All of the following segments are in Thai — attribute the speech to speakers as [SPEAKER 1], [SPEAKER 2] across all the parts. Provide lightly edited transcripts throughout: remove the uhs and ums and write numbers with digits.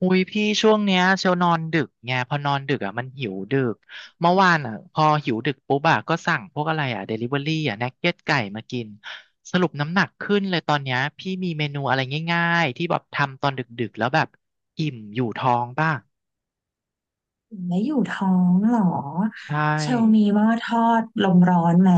[SPEAKER 1] อุ้ยพี่ช่วงเนี้ยเชลนอนดึกไงพอนอนดึกอ่ะมันหิวดึกเมื่อวานอ่ะพอหิวดึกปุ๊บอ่ะก็สั่งพวกอะไรอ่ะเดลิเวอรี่อ่ะนักเก็ตไก่มากินสรุปน้ำหนักขึ้นเลยตอนเนี้ยพี่มีเมนูอะไรง่ายๆที่แบบทำตอนดึกๆแล้วแบบอิ่มอยู่ท้องป่ะ
[SPEAKER 2] แล้อยู่ท้องเหรอ
[SPEAKER 1] ใช
[SPEAKER 2] เชลมี
[SPEAKER 1] ่
[SPEAKER 2] หม้อทอดลมร้อนไหม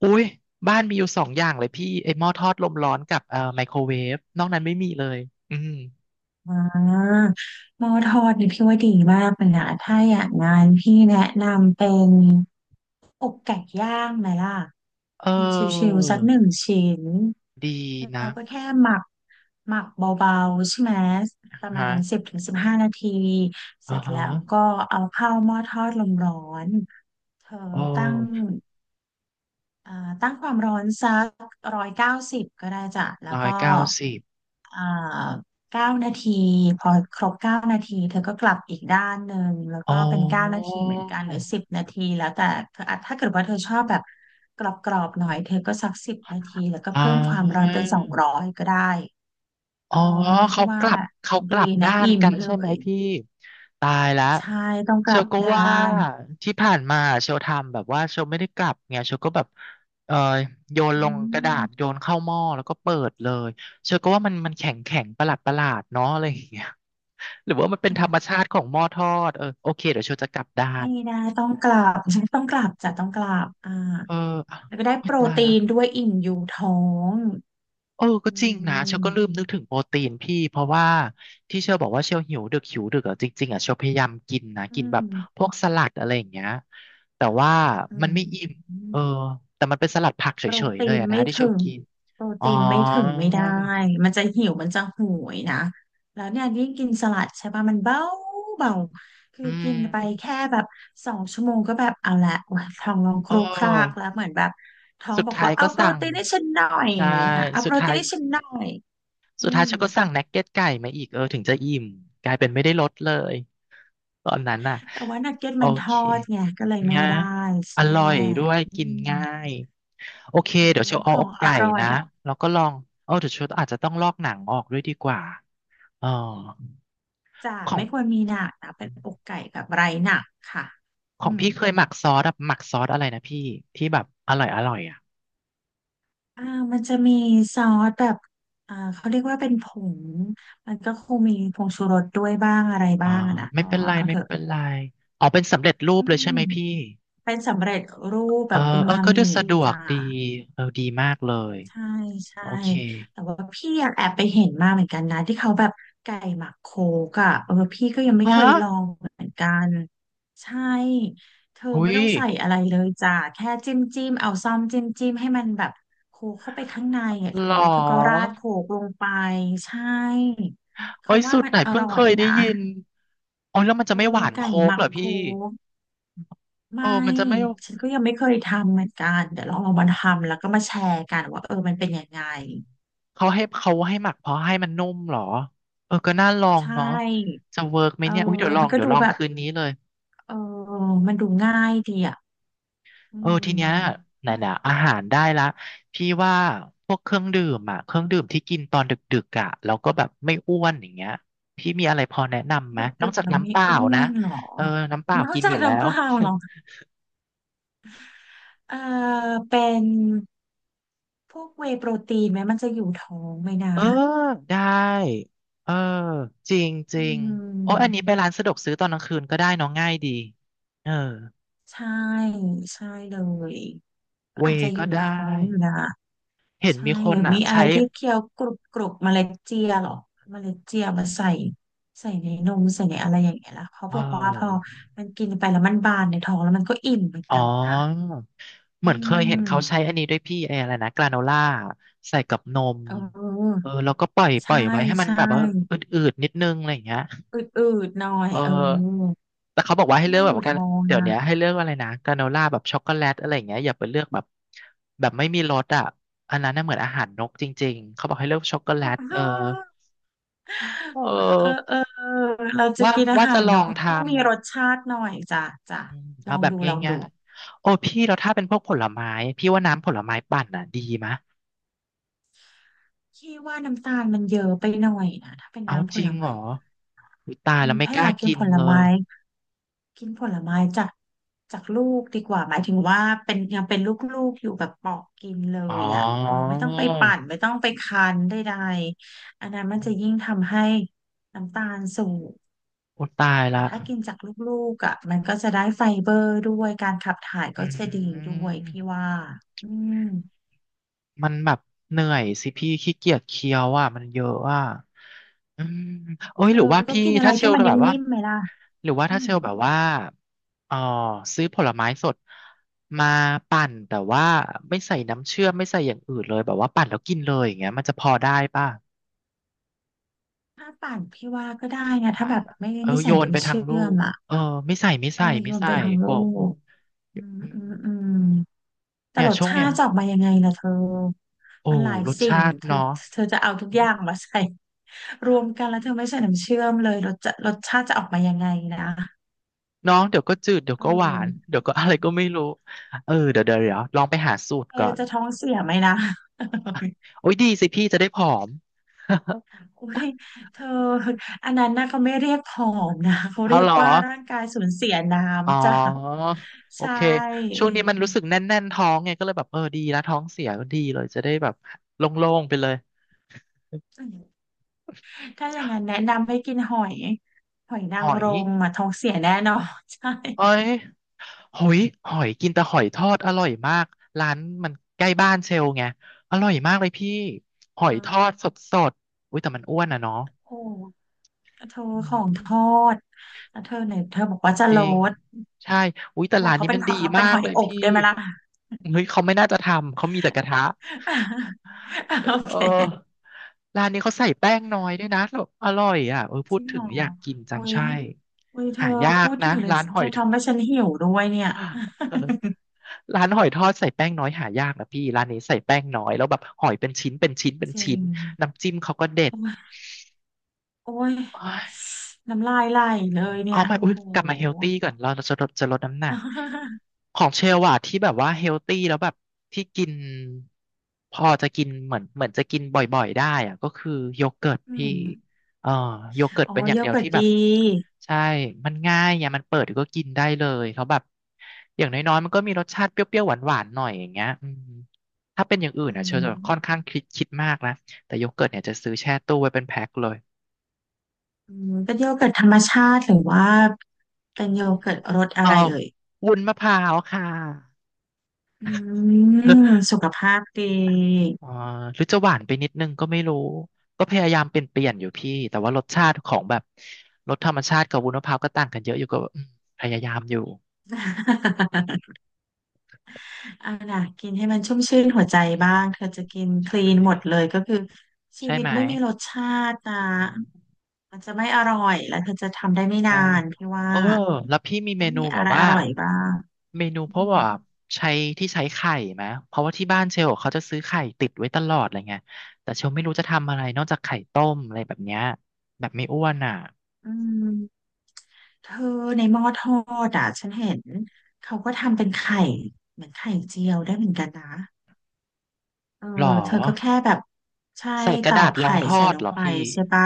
[SPEAKER 1] อุ้ยบ้านมีอยู่สองอย่างเลยพี่ไอหม้อทอดลมร้อนกับไมโครเวฟนอกนั้นไม่มีเลยอืม
[SPEAKER 2] อ่าหม้อทอดนี่พี่ว่าดีมากเลยนะถ้าอยากงานพี่แนะนำเป็นอกไก่ย่างไหมล่ะ
[SPEAKER 1] เอ
[SPEAKER 2] กินชิว
[SPEAKER 1] อ
[SPEAKER 2] ๆสักหนึ่งชิ้น
[SPEAKER 1] ดีนะ
[SPEAKER 2] เราก็แค่หมักเบาๆใช่ไหมประมา
[SPEAKER 1] ฮะ
[SPEAKER 2] ณ10-15 นาทีเส
[SPEAKER 1] อ๋อ
[SPEAKER 2] ร็จ
[SPEAKER 1] ฮะ
[SPEAKER 2] แล้วก็เอาเข้าหม้อทอดลมร้อนเธอ
[SPEAKER 1] โอ
[SPEAKER 2] ตั้ง
[SPEAKER 1] ้
[SPEAKER 2] อ่าตั้งความร้อนสัก190ก็ได้จ้ะแล้ว
[SPEAKER 1] ร้อย
[SPEAKER 2] ก็
[SPEAKER 1] เก้าสิบ
[SPEAKER 2] อ่าเก้านาทีพอครบเก้านาทีเธอก็กลับอีกด้านหนึ่งแล้ว
[SPEAKER 1] อ๋อ
[SPEAKER 2] ก็เป็นเก้านาทีเหมือนกันหรือสิบนาทีแล้วแต่เธออาจถ้าเกิดว่าเธอชอบแบบกรอบๆหน่อยเธอก็สักสิบนาทีแล้วก็
[SPEAKER 1] อ่
[SPEAKER 2] เพิ่มความร้อน
[SPEAKER 1] า
[SPEAKER 2] เป็น200ก็ได้เอ
[SPEAKER 1] อ๋อ
[SPEAKER 2] อพี่
[SPEAKER 1] เขา
[SPEAKER 2] ว่า
[SPEAKER 1] กลับเขาก
[SPEAKER 2] ดี
[SPEAKER 1] ลับ
[SPEAKER 2] นะ
[SPEAKER 1] ด้าน
[SPEAKER 2] อิ่ม
[SPEAKER 1] กัน
[SPEAKER 2] เล
[SPEAKER 1] ใช่ไหม
[SPEAKER 2] ย
[SPEAKER 1] พี่ตายละ
[SPEAKER 2] ใช่ต้องก
[SPEAKER 1] เช
[SPEAKER 2] ลั
[SPEAKER 1] ล
[SPEAKER 2] บ
[SPEAKER 1] ก็
[SPEAKER 2] ด้า
[SPEAKER 1] ว่า
[SPEAKER 2] น
[SPEAKER 1] ที่ผ่านมาเชลทำแบบว่าเชลไม่ได้กลับไงเชลก็แบบเออโยน
[SPEAKER 2] อื
[SPEAKER 1] ลงกระดาษโย
[SPEAKER 2] ม
[SPEAKER 1] นเข้าหม้อแล้วก็เปิดเลยเชลก็ว่ามันมันแข็งแข็งประหลาดประหลาดเนาะอะไรอย่างเงี้ยหรือว่ามันเป็นธรรม
[SPEAKER 2] อ่ะ
[SPEAKER 1] ชาติของหม้อทอดเออโอเคเดี๋ยวเชลจะกลับด้าน
[SPEAKER 2] ไม่ได้ต้องกลับ ต้องกลับจะต้องกลับ
[SPEAKER 1] เอออ่ะ
[SPEAKER 2] แล้วก็ได้
[SPEAKER 1] โอ๊
[SPEAKER 2] โป
[SPEAKER 1] ย
[SPEAKER 2] ร
[SPEAKER 1] ตาย
[SPEAKER 2] ตี
[SPEAKER 1] ละ
[SPEAKER 2] นด้วยอิ่มอยู่ท้อง
[SPEAKER 1] เออก็
[SPEAKER 2] อื
[SPEAKER 1] จริงนะเชลก็ลืม
[SPEAKER 2] ม
[SPEAKER 1] นึกถึงโปรตีนพี่เพราะว่าที่เชลบอกว่าเชลหิวดึกหิวดึกอะจริงๆอะเชลพยายามกินนะ
[SPEAKER 2] อื
[SPEAKER 1] กินแบบพ
[SPEAKER 2] ม
[SPEAKER 1] วกสลัดอะไรอย่างเงี้ยแต่ว่า
[SPEAKER 2] อื
[SPEAKER 1] มันไม่อิ่ม
[SPEAKER 2] ม
[SPEAKER 1] เออแต่มันเป็นสลัดผักเฉ
[SPEAKER 2] โปร
[SPEAKER 1] ยๆ
[SPEAKER 2] ตี
[SPEAKER 1] เลย
[SPEAKER 2] น
[SPEAKER 1] อะนะ
[SPEAKER 2] ไม่
[SPEAKER 1] ที่เช
[SPEAKER 2] ถึ
[SPEAKER 1] ล
[SPEAKER 2] ง
[SPEAKER 1] กิน
[SPEAKER 2] โปร
[SPEAKER 1] อ๋อ
[SPEAKER 2] ตีนไม่ถึงไม่ได้ มันจะหิวมันจะโหยนะ แล้วเนี่ยยิ่งกินสลัดใช่ป่ะมันเบาเบาคือ
[SPEAKER 1] อื
[SPEAKER 2] กิ
[SPEAKER 1] ม
[SPEAKER 2] นไปแค่แบบ2 ชั่วโมงก็แบบเอาละโอ้ยท้องร้องโค
[SPEAKER 1] เ
[SPEAKER 2] รวกคราก
[SPEAKER 1] ออ
[SPEAKER 2] แล้วเหมือนแบบท้อง
[SPEAKER 1] สุด
[SPEAKER 2] บอก
[SPEAKER 1] ท้าย
[SPEAKER 2] ว่า
[SPEAKER 1] ก็
[SPEAKER 2] เอาโปร
[SPEAKER 1] สั่ง
[SPEAKER 2] ตีนให้ฉันหน่อยอ
[SPEAKER 1] ใช่
[SPEAKER 2] ย่างเงี้ยเอา
[SPEAKER 1] สุ
[SPEAKER 2] โป
[SPEAKER 1] ด
[SPEAKER 2] รตี
[SPEAKER 1] ท้าย
[SPEAKER 2] นให้ฉันหน่อย
[SPEAKER 1] สุ
[SPEAKER 2] อื
[SPEAKER 1] ดท้าย
[SPEAKER 2] ม
[SPEAKER 1] เชลก็สั่งนักเก็ตไก่มาอีกเออถึงจะอิ่มกลายเป็นไม่ได้ลดเลย ตอนนั้นน่ะ
[SPEAKER 2] แต่ว่านักเก็ต
[SPEAKER 1] โอ
[SPEAKER 2] มันท
[SPEAKER 1] เค
[SPEAKER 2] อดไงก็เลยไม่
[SPEAKER 1] นะ
[SPEAKER 2] ได้ใช่
[SPEAKER 1] อ
[SPEAKER 2] ไหม
[SPEAKER 1] ร่อยด้วย
[SPEAKER 2] อื
[SPEAKER 1] กิน
[SPEAKER 2] ม
[SPEAKER 1] ง่ายโอเค
[SPEAKER 2] เอา
[SPEAKER 1] เดี๋ย
[SPEAKER 2] ไว้
[SPEAKER 1] วเชลเอา
[SPEAKER 2] ขอ
[SPEAKER 1] อ
[SPEAKER 2] ง
[SPEAKER 1] ก
[SPEAKER 2] อ
[SPEAKER 1] ไก่
[SPEAKER 2] ร่อย
[SPEAKER 1] นะแล้วก็ลองเออเดี๋ยวเชลอาจจะต้องลอกหนังออกด้วยดีกว่าเออ
[SPEAKER 2] จะ
[SPEAKER 1] ของ
[SPEAKER 2] ไม่ควรมีหนักนะเป็นอกไก่แบบไร้หนักค่ะ
[SPEAKER 1] ข
[SPEAKER 2] อื
[SPEAKER 1] อง
[SPEAKER 2] ม
[SPEAKER 1] พี่เคยหมักซอสแบบหมักซอสอะไรนะพี่ที่แบบอร่อยอร่อยอ่ะ
[SPEAKER 2] อ่ามันจะมีซอสแบบเขาเรียกว่าเป็นผง มันก็คงมีผงชูรสด้วยบ้างอะไร
[SPEAKER 1] อ๋อ
[SPEAKER 2] บ้างอะนะ
[SPEAKER 1] ไม่
[SPEAKER 2] ก็
[SPEAKER 1] เป็นไร
[SPEAKER 2] เอา
[SPEAKER 1] ไม่
[SPEAKER 2] เถอะ
[SPEAKER 1] เป็นไรอ๋อเป็นสำเร็จรูป
[SPEAKER 2] อื
[SPEAKER 1] เลยใช่
[SPEAKER 2] ม
[SPEAKER 1] ไหมพี่
[SPEAKER 2] เป็นสำเร็จรูปแบ
[SPEAKER 1] เออ
[SPEAKER 2] บอู
[SPEAKER 1] เออ
[SPEAKER 2] มา
[SPEAKER 1] ก็
[SPEAKER 2] มิ
[SPEAKER 1] ดูสะดวก
[SPEAKER 2] จ้า
[SPEAKER 1] ดีเออดีมากเลย
[SPEAKER 2] ใช่ใช่
[SPEAKER 1] โอเค
[SPEAKER 2] แต่ว่าพี่อยากแอบไปเห็นมาเหมือนกันนะที่เขาแบบไก่หมักโคกอะเออพี่ก็ยังไม่
[SPEAKER 1] ฮะ
[SPEAKER 2] เคยลองเหมือนกันใช่เธอ
[SPEAKER 1] หุ
[SPEAKER 2] ไม่
[SPEAKER 1] ย
[SPEAKER 2] ต้องใส่อะไรเลยจ้ะแค่จิ้มจิ้มเอาซ่อมจิ้มจิ้มให้มันแบบโคกเข้าไปข้างในอ่ะเธ
[SPEAKER 1] หร
[SPEAKER 2] อ
[SPEAKER 1] อ
[SPEAKER 2] แล้วเธอก็ราดโคกลงไปใช่
[SPEAKER 1] โอ้
[SPEAKER 2] เขา
[SPEAKER 1] ย
[SPEAKER 2] ว่า
[SPEAKER 1] สูตร
[SPEAKER 2] มัน
[SPEAKER 1] ไหน
[SPEAKER 2] อ
[SPEAKER 1] เพิ่ง
[SPEAKER 2] ร่
[SPEAKER 1] เค
[SPEAKER 2] อย
[SPEAKER 1] ยได้
[SPEAKER 2] นะ
[SPEAKER 1] ยินโอ้ยแล้วมัน
[SPEAKER 2] เอ
[SPEAKER 1] จะ
[SPEAKER 2] อ
[SPEAKER 1] ไม่หวาน
[SPEAKER 2] ไก่
[SPEAKER 1] โค้
[SPEAKER 2] ห
[SPEAKER 1] ก
[SPEAKER 2] มั
[SPEAKER 1] เหร
[SPEAKER 2] ก
[SPEAKER 1] อ
[SPEAKER 2] โค
[SPEAKER 1] พี่
[SPEAKER 2] ก
[SPEAKER 1] เอ
[SPEAKER 2] ไม่
[SPEAKER 1] อมันจะไม่
[SPEAKER 2] ฉันก็ยังไม่เคยทำเหมือนกันเดี๋ยวลองมาทำแล้วก็มาแชร์กันว่าเออมันเป็นยังไง
[SPEAKER 1] อืมเขาให้เขาให้หมักเพราะให้มันนุ่มเหรอเออก็น่าลอง
[SPEAKER 2] ใช
[SPEAKER 1] เนาะ
[SPEAKER 2] ่
[SPEAKER 1] จะเวิร์กไหม
[SPEAKER 2] เออ
[SPEAKER 1] เนี่ยอุ้ยเดี๋ย
[SPEAKER 2] แล้
[SPEAKER 1] ว
[SPEAKER 2] ว
[SPEAKER 1] ลอ
[SPEAKER 2] มั
[SPEAKER 1] ง
[SPEAKER 2] นก็
[SPEAKER 1] เดี๋ยว
[SPEAKER 2] ดู
[SPEAKER 1] ลอง
[SPEAKER 2] แบบ
[SPEAKER 1] คืนนี้เลย
[SPEAKER 2] เออมันดูง่ายดีอ่ะอื
[SPEAKER 1] เออ
[SPEAKER 2] ม
[SPEAKER 1] ทีเนี้ยไห
[SPEAKER 2] ถ้า
[SPEAKER 1] นๆอาหารได้ละพี่ว่าพวกเครื่องดื่มอ่ะเครื่องดื่มที่กินตอนดึกๆอ่ะแล้วก็แบบไม่อ้วนอย่างเงี้ยพี่มีอะไรพอแนะนำไหม
[SPEAKER 2] ด
[SPEAKER 1] นอ
[SPEAKER 2] ึ
[SPEAKER 1] ก
[SPEAKER 2] ก
[SPEAKER 1] จา
[SPEAKER 2] ๆ
[SPEAKER 1] ก
[SPEAKER 2] แล้ว
[SPEAKER 1] น้ำ
[SPEAKER 2] ไม่
[SPEAKER 1] เปล่า
[SPEAKER 2] อ้ว
[SPEAKER 1] นะ
[SPEAKER 2] นเหรอ
[SPEAKER 1] เออน้ำเปล่า
[SPEAKER 2] นอก
[SPEAKER 1] กินอ
[SPEAKER 2] จาก
[SPEAKER 1] ยู่แล้
[SPEAKER 2] น้ำเป
[SPEAKER 1] ว
[SPEAKER 2] ล่าเหรอเออเป็นพวกเวย์โปรตีนไหมมันจะอยู่ท้องไหมนะ
[SPEAKER 1] เออได้เออจริงจ
[SPEAKER 2] อื
[SPEAKER 1] ริงโอ้ยอันนี้
[SPEAKER 2] ม
[SPEAKER 1] ไปร้านสะดวกซื้อตอนกลางคืนก็ได้เน้องง่ายดีเออ
[SPEAKER 2] ใช่ ใช่เลย
[SPEAKER 1] เว
[SPEAKER 2] อาจจะอ
[SPEAKER 1] ก็
[SPEAKER 2] ยู่
[SPEAKER 1] ได้
[SPEAKER 2] ท้องอยู่นะ
[SPEAKER 1] เห็น
[SPEAKER 2] ใช่
[SPEAKER 1] มีค
[SPEAKER 2] หรื
[SPEAKER 1] น
[SPEAKER 2] อ
[SPEAKER 1] อ่ะ
[SPEAKER 2] มีอะ
[SPEAKER 1] ใช้
[SPEAKER 2] ไรที่เคี้ยวกรุบกรุบเมล็ดเจียเหรอเมล็ดเจียมาใส่ใส่ในนมใส่ในอะไรอย่างเงี้ยละเขา
[SPEAKER 1] เ
[SPEAKER 2] บอกว่าพอ
[SPEAKER 1] ออ
[SPEAKER 2] มันกินไปแล้วมันบานในท้องแล้วมันก็อิ่มเหมือน
[SPEAKER 1] อ๋อ
[SPEAKER 2] กันนะ
[SPEAKER 1] เห
[SPEAKER 2] อื
[SPEAKER 1] มือนเคยเห็นเขาใช้
[SPEAKER 2] ม
[SPEAKER 1] อันนี้ด้วยพี่ไออะไรนะกราโนล่าใส่กับนม
[SPEAKER 2] เออ
[SPEAKER 1] เออแล้วก็ปล่อยปล่
[SPEAKER 2] ใช่
[SPEAKER 1] อยไว้ให้มัน
[SPEAKER 2] ใช่
[SPEAKER 1] แบบว่าอืดๆนิดนึงอะไรอย่างเงี้ย
[SPEAKER 2] อืดอืดหน่อย
[SPEAKER 1] เอ
[SPEAKER 2] เออ
[SPEAKER 1] อ แต่เขาบอกว่า
[SPEAKER 2] คิ
[SPEAKER 1] ให้
[SPEAKER 2] ด
[SPEAKER 1] เลือก
[SPEAKER 2] ว่า
[SPEAKER 1] แบ
[SPEAKER 2] อ
[SPEAKER 1] บ
[SPEAKER 2] ยู่
[SPEAKER 1] ว่ากัน
[SPEAKER 2] ท้อง
[SPEAKER 1] เดี๋ยว
[SPEAKER 2] นะ
[SPEAKER 1] เนี้ยให้เลือกอะไรนะกราโนล่าแบบช็อกโกแลตอะไรอย่างเงี้ยอย่าไปเลือกแบบแบบไม่มีรสอ่ะอันนั้นน่ะเหมือนอาหารนกจริงๆเขาบอกให้เลือกช็อกโกแลตเออ เ
[SPEAKER 2] เออเออ
[SPEAKER 1] ออ
[SPEAKER 2] เออเออเราจะ
[SPEAKER 1] ว่า
[SPEAKER 2] กินอา
[SPEAKER 1] ว่า
[SPEAKER 2] หา
[SPEAKER 1] จะ
[SPEAKER 2] ร
[SPEAKER 1] ลอ
[SPEAKER 2] เนาะ
[SPEAKER 1] ง
[SPEAKER 2] ก็ต้อ
[SPEAKER 1] ทำ
[SPEAKER 2] งมีรสชาติหน่อยจ้ะจ้ะ
[SPEAKER 1] อืม
[SPEAKER 2] ล
[SPEAKER 1] เอา
[SPEAKER 2] อง
[SPEAKER 1] แบบ
[SPEAKER 2] ดูลอง
[SPEAKER 1] ง่า
[SPEAKER 2] ดู
[SPEAKER 1] ยๆโอ้พี่เราถ้าเป็นพวกผลไม้พี่ว่าน้ำผลไม้ปั่นอ่ะดีมะ
[SPEAKER 2] คิดว่าน้ำตาลมันเยอะไปหน่อยนะถ้าเป็น
[SPEAKER 1] เอา
[SPEAKER 2] น้ำผ
[SPEAKER 1] จริ
[SPEAKER 2] ล
[SPEAKER 1] งเหร
[SPEAKER 2] ไม้
[SPEAKER 1] ออุ๊ยตาย
[SPEAKER 2] อื
[SPEAKER 1] แล้
[SPEAKER 2] ม
[SPEAKER 1] วไม่
[SPEAKER 2] ถ้า
[SPEAKER 1] ก
[SPEAKER 2] อ
[SPEAKER 1] ล้า
[SPEAKER 2] ยากกิน
[SPEAKER 1] กิน
[SPEAKER 2] ผล
[SPEAKER 1] เล
[SPEAKER 2] ไม้
[SPEAKER 1] ย
[SPEAKER 2] กินผลไม้จากจากลูกดีกว่าหมายถึงว่าเป็นลูกๆอยู่แบบปอกกินเล
[SPEAKER 1] อ๋อ
[SPEAKER 2] ยอ่ะเออไม่ต้องไปปั่นไม่ต้องไปคั้นใดๆอันนั้นมันจะยิ่งทำให้น้ำตาลสูง
[SPEAKER 1] โอ้ตาย
[SPEAKER 2] แต่
[SPEAKER 1] ละ
[SPEAKER 2] ถ้ากินจากลูกๆอ่ะมันก็จะได้ไฟเบอร์ด้วยการขับถ่ายก็
[SPEAKER 1] อื
[SPEAKER 2] จะดีด้วยพี่ว่า
[SPEAKER 1] ม
[SPEAKER 2] อืม
[SPEAKER 1] มันแบบเหนื่อยสิพี่ขี้เกียจเคี้ยวอ่ะมันเยอะอ่ะอืมเอ้
[SPEAKER 2] เธ
[SPEAKER 1] ยหรือ
[SPEAKER 2] อ
[SPEAKER 1] ว่า
[SPEAKER 2] ก็
[SPEAKER 1] พี่
[SPEAKER 2] กินอะ
[SPEAKER 1] ถ้า
[SPEAKER 2] ไร
[SPEAKER 1] เช
[SPEAKER 2] ที่
[SPEAKER 1] ล
[SPEAKER 2] มัน
[SPEAKER 1] แบบว่า
[SPEAKER 2] นิ่มๆไหมล่ะ
[SPEAKER 1] หรือว่าถ้า
[SPEAKER 2] อื
[SPEAKER 1] เช
[SPEAKER 2] ม
[SPEAKER 1] ลแบบว่าเออซื้อผลไม้สดมาปั่นแต่ว่าไม่ใส่น้ำเชื่อมไม่ใส่อย่างอื่นเลยแบบว่าปั่นแล้วกินเลยอย่างเงี้ยมันจะพอได้ป่ะ
[SPEAKER 2] ถ้าปั่นพี่ว่าก็ได้นะ
[SPEAKER 1] ได้
[SPEAKER 2] ถ้าแบบ
[SPEAKER 1] ป่ะ
[SPEAKER 2] ไม่
[SPEAKER 1] เออ
[SPEAKER 2] ไม่
[SPEAKER 1] โย
[SPEAKER 2] ใส่
[SPEAKER 1] นไป
[SPEAKER 2] น้ำ
[SPEAKER 1] ทางลู
[SPEAKER 2] เชื่อ
[SPEAKER 1] ก
[SPEAKER 2] มอ่ะ
[SPEAKER 1] เออไม่ใส่ไม่
[SPEAKER 2] เออ
[SPEAKER 1] ใส่
[SPEAKER 2] โย
[SPEAKER 1] ไม่
[SPEAKER 2] น
[SPEAKER 1] ใส่
[SPEAKER 2] ไปทาง
[SPEAKER 1] ก
[SPEAKER 2] โล
[SPEAKER 1] ลัวอ้ว
[SPEAKER 2] ก
[SPEAKER 1] น
[SPEAKER 2] อืม
[SPEAKER 1] อื
[SPEAKER 2] อื
[SPEAKER 1] ม
[SPEAKER 2] มอืมแต่
[SPEAKER 1] เนี่ย
[SPEAKER 2] รส
[SPEAKER 1] ช่วง
[SPEAKER 2] ชา
[SPEAKER 1] เนี้ย
[SPEAKER 2] ติจะออกมายังไงล่ะเธอมั
[SPEAKER 1] โอ้
[SPEAKER 2] นหลาย
[SPEAKER 1] รส
[SPEAKER 2] สิ่ง
[SPEAKER 1] ชาติ
[SPEAKER 2] เธอ
[SPEAKER 1] เนาะ
[SPEAKER 2] เธอจะเอาทุกอย่างมาใส่รวมกันแล้วเธอไม่ใส่น้ำเชื่อมเลยรสชาติจะออกมายังไงนะ
[SPEAKER 1] น้องเดี๋ยวก็จืดเดี๋ยว
[SPEAKER 2] เอ
[SPEAKER 1] ก็หวาน
[SPEAKER 2] อ
[SPEAKER 1] เดี๋ยวก็ อะไรก็ไม่รู้เออเดี๋ยวเดี๋ยวเดี๋ยวลองไปหาสูตร
[SPEAKER 2] เธ
[SPEAKER 1] ก่อ
[SPEAKER 2] อ
[SPEAKER 1] น
[SPEAKER 2] จะท้องเสียไหมนะ
[SPEAKER 1] โอ้ยดีสิพี่จะได้ผอม
[SPEAKER 2] อุ้ยเธออันนั้นนะเขาไม่เรียกผอมนะเขา
[SPEAKER 1] เอา
[SPEAKER 2] เรียก
[SPEAKER 1] เหรอ
[SPEAKER 2] ว่าร่างกายสูญเสียน้
[SPEAKER 1] อ๋อ
[SPEAKER 2] ำจ้ะ
[SPEAKER 1] โอ
[SPEAKER 2] ใช่
[SPEAKER 1] เคช่วงนี้มันรู้สึกแน่นๆท้องไงก็เลยแบบเออดีแล้วท้องเสียก็ดีเลยจะได้แบบโล่งๆไปเลย
[SPEAKER 2] ถ้าอย่างนั้นแนะนำให้กินหอยหอยนา
[SPEAKER 1] หอ
[SPEAKER 2] ง
[SPEAKER 1] ย
[SPEAKER 2] รมอ่ะท้องเสียแน่นอน ใช่
[SPEAKER 1] เอ้ยหอยหอยกินแต่หอยทอดอร่อยมากร้านมันใกล้บ้านเชลไงอร่อยมากเลยพี่หอยท
[SPEAKER 2] อ่า
[SPEAKER 1] อดสดๆอุ้ยแต่มันอ้วนอ่ะเนาะ
[SPEAKER 2] โอ้เธอ
[SPEAKER 1] อื
[SPEAKER 2] ของทอ
[SPEAKER 1] ม
[SPEAKER 2] ดแล้วเธอเนี่ยเธอบอกว่าจะ
[SPEAKER 1] จ
[SPEAKER 2] โล
[SPEAKER 1] ริง
[SPEAKER 2] ด
[SPEAKER 1] ใช่อุ้ยแต่
[SPEAKER 2] บอ
[SPEAKER 1] ร้า
[SPEAKER 2] ก
[SPEAKER 1] น
[SPEAKER 2] เขา
[SPEAKER 1] นี้
[SPEAKER 2] เป็
[SPEAKER 1] มั
[SPEAKER 2] น
[SPEAKER 1] น
[SPEAKER 2] ห
[SPEAKER 1] ดี
[SPEAKER 2] อย
[SPEAKER 1] มากเลย
[SPEAKER 2] อบ
[SPEAKER 1] พี่
[SPEAKER 2] ได้ไหมล่ะ
[SPEAKER 1] เฮ้ยเขาไม่น่าจะทำเขามีแต่กระทะ
[SPEAKER 2] โอ
[SPEAKER 1] เอ
[SPEAKER 2] เค
[SPEAKER 1] อร้านนี้เขาใส่แป้งน้อยด้วยนะแล้วอร่อยอ่ะเออพู
[SPEAKER 2] จ
[SPEAKER 1] ด
[SPEAKER 2] ริง
[SPEAKER 1] ถึ
[SPEAKER 2] เหร
[SPEAKER 1] ง
[SPEAKER 2] อ
[SPEAKER 1] อยากกินจัง
[SPEAKER 2] อุ้ย
[SPEAKER 1] ใช่
[SPEAKER 2] อุ้ยเธอ
[SPEAKER 1] หายา
[SPEAKER 2] พู
[SPEAKER 1] ก
[SPEAKER 2] ด
[SPEAKER 1] นะ
[SPEAKER 2] ถึงเลย
[SPEAKER 1] ร้านห
[SPEAKER 2] เธ
[SPEAKER 1] อย
[SPEAKER 2] อ
[SPEAKER 1] ทอ
[SPEAKER 2] ทำให้
[SPEAKER 1] ด
[SPEAKER 2] ฉันหิวด้วยเนี่ย
[SPEAKER 1] เออร้านหอยทอดใส่แป้งน้อยหายากนะพี่ร้านนี้ใส่แป้งน้อยแล้วแบบหอยเป็นชิ้นเป็นชิ้นเป็น
[SPEAKER 2] จริ
[SPEAKER 1] ชิ้
[SPEAKER 2] ง
[SPEAKER 1] นน้ำจิ้มเขาก็เด็ด
[SPEAKER 2] โอ้ยโอ้ยน้ำลายไหลเลยเนี่
[SPEAKER 1] เอา
[SPEAKER 2] ย
[SPEAKER 1] ใหม่อุ้ย
[SPEAKER 2] โอ้โ
[SPEAKER 1] กลับมาเฮลตี้
[SPEAKER 2] ห
[SPEAKER 1] ก่อนเราจะลดน้ำหนักของเชลว่ะที่แบบว่าเฮลตี้แล้วแบบที่กินพอจะกินเหมือนจะกินบ่อยๆได้อะก็คือโยเกิร์ต
[SPEAKER 2] อื
[SPEAKER 1] พี่
[SPEAKER 2] ม
[SPEAKER 1] เอ่อโยเกิร์ต
[SPEAKER 2] อ๋อ
[SPEAKER 1] เป็นอย่าง
[SPEAKER 2] โย
[SPEAKER 1] เดียว
[SPEAKER 2] เกิร์ต
[SPEAKER 1] ที่แบ
[SPEAKER 2] ดี
[SPEAKER 1] บใช่มันง่ายอย่ามันเปิดก็กินได้เลยแล้วแบบอย่างน้อยๆมันก็มีรสชาติเปรี้ยวๆหวานๆหน่อยอย่างเงี้ยอืมถ้าเป็นอย่างอื่น
[SPEAKER 2] อื
[SPEAKER 1] อ่ะเชลจะค่อน
[SPEAKER 2] ม
[SPEAKER 1] ข้างคิดมากนะแต่โยเกิร์ตเนี่ยจะซื้อแช่ตู้ไว้เป็นแพ็คเลย
[SPEAKER 2] อืมเป็นโยเกิร์ตธรรมชาติหรือว่าเป็นโยเกิร์ตรสอะ
[SPEAKER 1] เอา
[SPEAKER 2] ไรเอ่ย
[SPEAKER 1] วุ้นมะพร้าวค่ะ
[SPEAKER 2] อืมสุ ขภาพดี
[SPEAKER 1] อ่าหรือจะหวานไปนิดนึงก็ไม่รู้ ก็พยายามเปลี่ยนอยู่พี่ แต่ว่ารสชาติของแบบรสธรรมชาติกับวุ้นมะพร้าวก็ต่างกันเยอะอยู่ก็อืมพยายามอยู่
[SPEAKER 2] อาล่ะนะกินให้มันชุ่มชื่นหัวใจ
[SPEAKER 1] อื
[SPEAKER 2] บ้าง
[SPEAKER 1] ม
[SPEAKER 2] เธอจะกินค
[SPEAKER 1] ใช่
[SPEAKER 2] ลีนหมดเลยก็คือชี
[SPEAKER 1] ใช่
[SPEAKER 2] วิต
[SPEAKER 1] ไหม
[SPEAKER 2] ไม่มีรสชาตินะ
[SPEAKER 1] อืม
[SPEAKER 2] มันจะไม่อร่อยแล้วเธอจะทำได้ไม่นา
[SPEAKER 1] ใช่
[SPEAKER 2] นพี่ว่า
[SPEAKER 1] เออแล้วพี่มีเม
[SPEAKER 2] ต้อง
[SPEAKER 1] นู
[SPEAKER 2] มี
[SPEAKER 1] แบ
[SPEAKER 2] อะ
[SPEAKER 1] บ
[SPEAKER 2] ไร
[SPEAKER 1] ว่า
[SPEAKER 2] อร่อยบ้าง
[SPEAKER 1] เมนู
[SPEAKER 2] อื
[SPEAKER 1] เพราะ
[SPEAKER 2] ม
[SPEAKER 1] ว่าใช้ที่ใช้ไข่ไหม เพราะว่าที่บ้านเชลเขาจะซื้อไข่ติดไว้ตลอดอะไรเงี้ยแต่เชลไม่รู้จะทำอะไรนอกจากไข่ต้มอะไรแบบเนี้ยแบบไม่อ้วนอ่ะ
[SPEAKER 2] อืมเธอในหม้อทอดอ่ะฉันเห็นเขาก็ทำเป็นไข่เหมือนไข่เจียวได้เหมือนกันนะ เอ
[SPEAKER 1] หรอ
[SPEAKER 2] อเธอก็แค่แบบใช่
[SPEAKER 1] ใส่ก
[SPEAKER 2] ต
[SPEAKER 1] ระ
[SPEAKER 2] อ
[SPEAKER 1] ดา
[SPEAKER 2] ก
[SPEAKER 1] ษรอ
[SPEAKER 2] ไข่
[SPEAKER 1] งทอ
[SPEAKER 2] ใส่
[SPEAKER 1] ด
[SPEAKER 2] ล
[SPEAKER 1] เห
[SPEAKER 2] ง
[SPEAKER 1] รอ
[SPEAKER 2] ไป
[SPEAKER 1] พี่
[SPEAKER 2] ใช่ปะ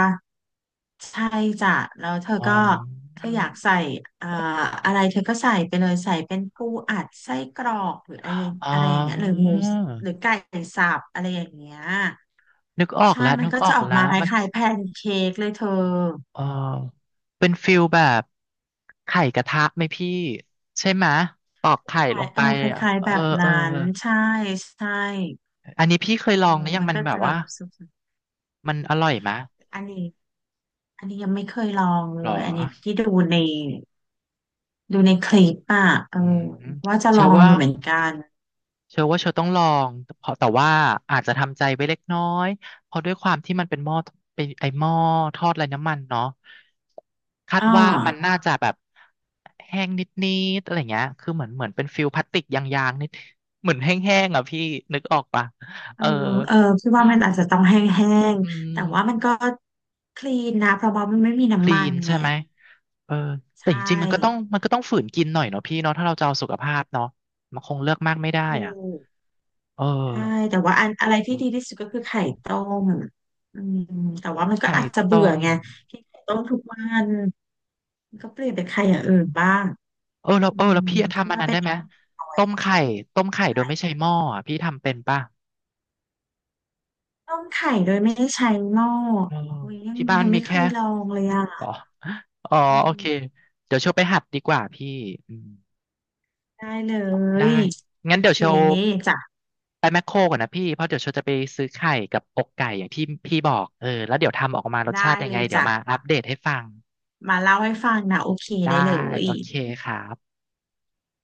[SPEAKER 2] ใช่จ้ะแล้วเธอ
[SPEAKER 1] อ๋อ
[SPEAKER 2] ก็เธออยากใส่เอ่ออะไรเธอก็ใส่ไปเลยใส่เป็นปูอัดไส้กรอกหรืออะไร
[SPEAKER 1] อ๋
[SPEAKER 2] อะไรอย่างเงี้ยหรือห
[SPEAKER 1] อ
[SPEAKER 2] มูหรือไก่สับอะไรอย่างเงี้ย
[SPEAKER 1] นึกออก
[SPEAKER 2] ใช่
[SPEAKER 1] แล้ว
[SPEAKER 2] มัน
[SPEAKER 1] นึก
[SPEAKER 2] ก็
[SPEAKER 1] อ
[SPEAKER 2] จะ
[SPEAKER 1] อก
[SPEAKER 2] ออกมา
[SPEAKER 1] แล้ว
[SPEAKER 2] ค
[SPEAKER 1] มัน
[SPEAKER 2] ล้ายๆแพนเค้กเลยเธอ
[SPEAKER 1] เออเป็นฟิลแบบไข่กระทะไหมพี่ใช่ไหมปอกไข่
[SPEAKER 2] คล้า
[SPEAKER 1] ล
[SPEAKER 2] ย
[SPEAKER 1] งไป
[SPEAKER 2] เออค
[SPEAKER 1] อะ
[SPEAKER 2] ล้าย
[SPEAKER 1] เอ
[SPEAKER 2] ๆ
[SPEAKER 1] อ
[SPEAKER 2] แบบ
[SPEAKER 1] เออ
[SPEAKER 2] นั้นใช่ใช่
[SPEAKER 1] อันนี้พี่เคย
[SPEAKER 2] เออ
[SPEAKER 1] ลองนะยัง
[SPEAKER 2] มัน
[SPEAKER 1] มัน
[SPEAKER 2] ก็
[SPEAKER 1] แบ
[SPEAKER 2] จะ
[SPEAKER 1] บ
[SPEAKER 2] แบ
[SPEAKER 1] ว่า
[SPEAKER 2] บสุด
[SPEAKER 1] มันอร่อยไหม
[SPEAKER 2] ๆอันนี้ยังไม่เคยลองเล
[SPEAKER 1] หรอ
[SPEAKER 2] ยอันนี้พี่ดูใน คลิปอ่ะเอ
[SPEAKER 1] อื
[SPEAKER 2] อ
[SPEAKER 1] ม
[SPEAKER 2] ว่าจะล
[SPEAKER 1] เชื่
[SPEAKER 2] อ
[SPEAKER 1] อ
[SPEAKER 2] ง
[SPEAKER 1] ว่า
[SPEAKER 2] อยู่เหมือนกัน
[SPEAKER 1] เชื่อว่าเชอต้องลองเพราะแต่ว่าอาจจะทำใจไว้เล็กน้อยเพราะด้วยความที่มันเป็นหม้อเป็นไอหม้อทอดไร้น้ำมันเนาะคาด
[SPEAKER 2] อ่า
[SPEAKER 1] ว่ามันน่าจะแบบแห้งนิดๆอะไรเงี้ยคือเหมือนเป็นฟิลพลาสติกยางๆนิดเหมือนแห้งๆอ่ะพี่นึกออกปะ
[SPEAKER 2] เอ
[SPEAKER 1] เอ
[SPEAKER 2] อ
[SPEAKER 1] อ
[SPEAKER 2] เออพี่ว่ามันอาจจะต้องแห้ง
[SPEAKER 1] อืม
[SPEAKER 2] ๆแต่ว่ามันก็คลีนนะเพราะว่ามันไม่มี
[SPEAKER 1] คลี
[SPEAKER 2] น้ำมัน
[SPEAKER 1] น
[SPEAKER 2] ไง
[SPEAKER 1] ใช่ไหมเออ
[SPEAKER 2] ใช
[SPEAKER 1] แต่จริงๆมันก็ต้อง
[SPEAKER 2] ่
[SPEAKER 1] มันก็ต้องฝืนกินหน่อยเนาะพี่เนาะถ้าเราจะเอาสุขภาพเนาะมันคงเลือกมากไม่ได้
[SPEAKER 2] ถู
[SPEAKER 1] อ่ะ
[SPEAKER 2] ก
[SPEAKER 1] เออ
[SPEAKER 2] ใช่แต่ว่าอะไรที่ดีที่สุดก็คือไข่ต้มอืมแต่ว่ามันก็
[SPEAKER 1] ไข่
[SPEAKER 2] อาจจะ
[SPEAKER 1] ต้
[SPEAKER 2] เบื่อ
[SPEAKER 1] ม
[SPEAKER 2] ไงกินไข่ต้มทุกวันมันก็เปลี่ยนเป็นไข่อย่างอื่นบ้าง
[SPEAKER 1] เออแล้ว
[SPEAKER 2] อืม
[SPEAKER 1] พี่
[SPEAKER 2] คี่
[SPEAKER 1] ทำอัน
[SPEAKER 2] ว่า
[SPEAKER 1] นั้น
[SPEAKER 2] เป็
[SPEAKER 1] ได้
[SPEAKER 2] น
[SPEAKER 1] ไห
[SPEAKER 2] อี
[SPEAKER 1] ม
[SPEAKER 2] ก
[SPEAKER 1] ต้ม
[SPEAKER 2] choice
[SPEAKER 1] ไข่ต้มไข่
[SPEAKER 2] อะ
[SPEAKER 1] โด
[SPEAKER 2] ไข่
[SPEAKER 1] ยไม่ใช้หม้ออะพี่ทำเป็นป่ะ
[SPEAKER 2] ต้มโดยไม่ได้ใช้หม้อ
[SPEAKER 1] เออ
[SPEAKER 2] โอ้ย
[SPEAKER 1] ที่บ้าน
[SPEAKER 2] ยัง
[SPEAKER 1] มี
[SPEAKER 2] ไม่เค
[SPEAKER 1] แค่
[SPEAKER 2] ยลองเลย
[SPEAKER 1] อ๋อ
[SPEAKER 2] อ่ะ
[SPEAKER 1] อ๋อ
[SPEAKER 2] อื
[SPEAKER 1] โอ
[SPEAKER 2] ม
[SPEAKER 1] เคเดี๋ยวเชลไปหัดดีกว่าพี่อืม
[SPEAKER 2] ได้เล
[SPEAKER 1] ได้
[SPEAKER 2] ย
[SPEAKER 1] งั้
[SPEAKER 2] โอ
[SPEAKER 1] นเดี๋ยว
[SPEAKER 2] เค
[SPEAKER 1] เชล
[SPEAKER 2] จ้ะ
[SPEAKER 1] ไปแมคโครก่อนนะพี่เพราะเดี๋ยวเชลจะไปซื้อไข่กับอกไก่อย่างที่พี่บอกเออแล้วเดี๋ยวทำออกมารสชา
[SPEAKER 2] ได้
[SPEAKER 1] ติยัง
[SPEAKER 2] เล
[SPEAKER 1] ไง
[SPEAKER 2] ย
[SPEAKER 1] เดี๋ยว
[SPEAKER 2] จ้ะ
[SPEAKER 1] มาอัปเดตให้ฟัง
[SPEAKER 2] มาเล่าให้ฟังนะโอเค
[SPEAKER 1] ได้
[SPEAKER 2] ได้เลย
[SPEAKER 1] โอเคครับ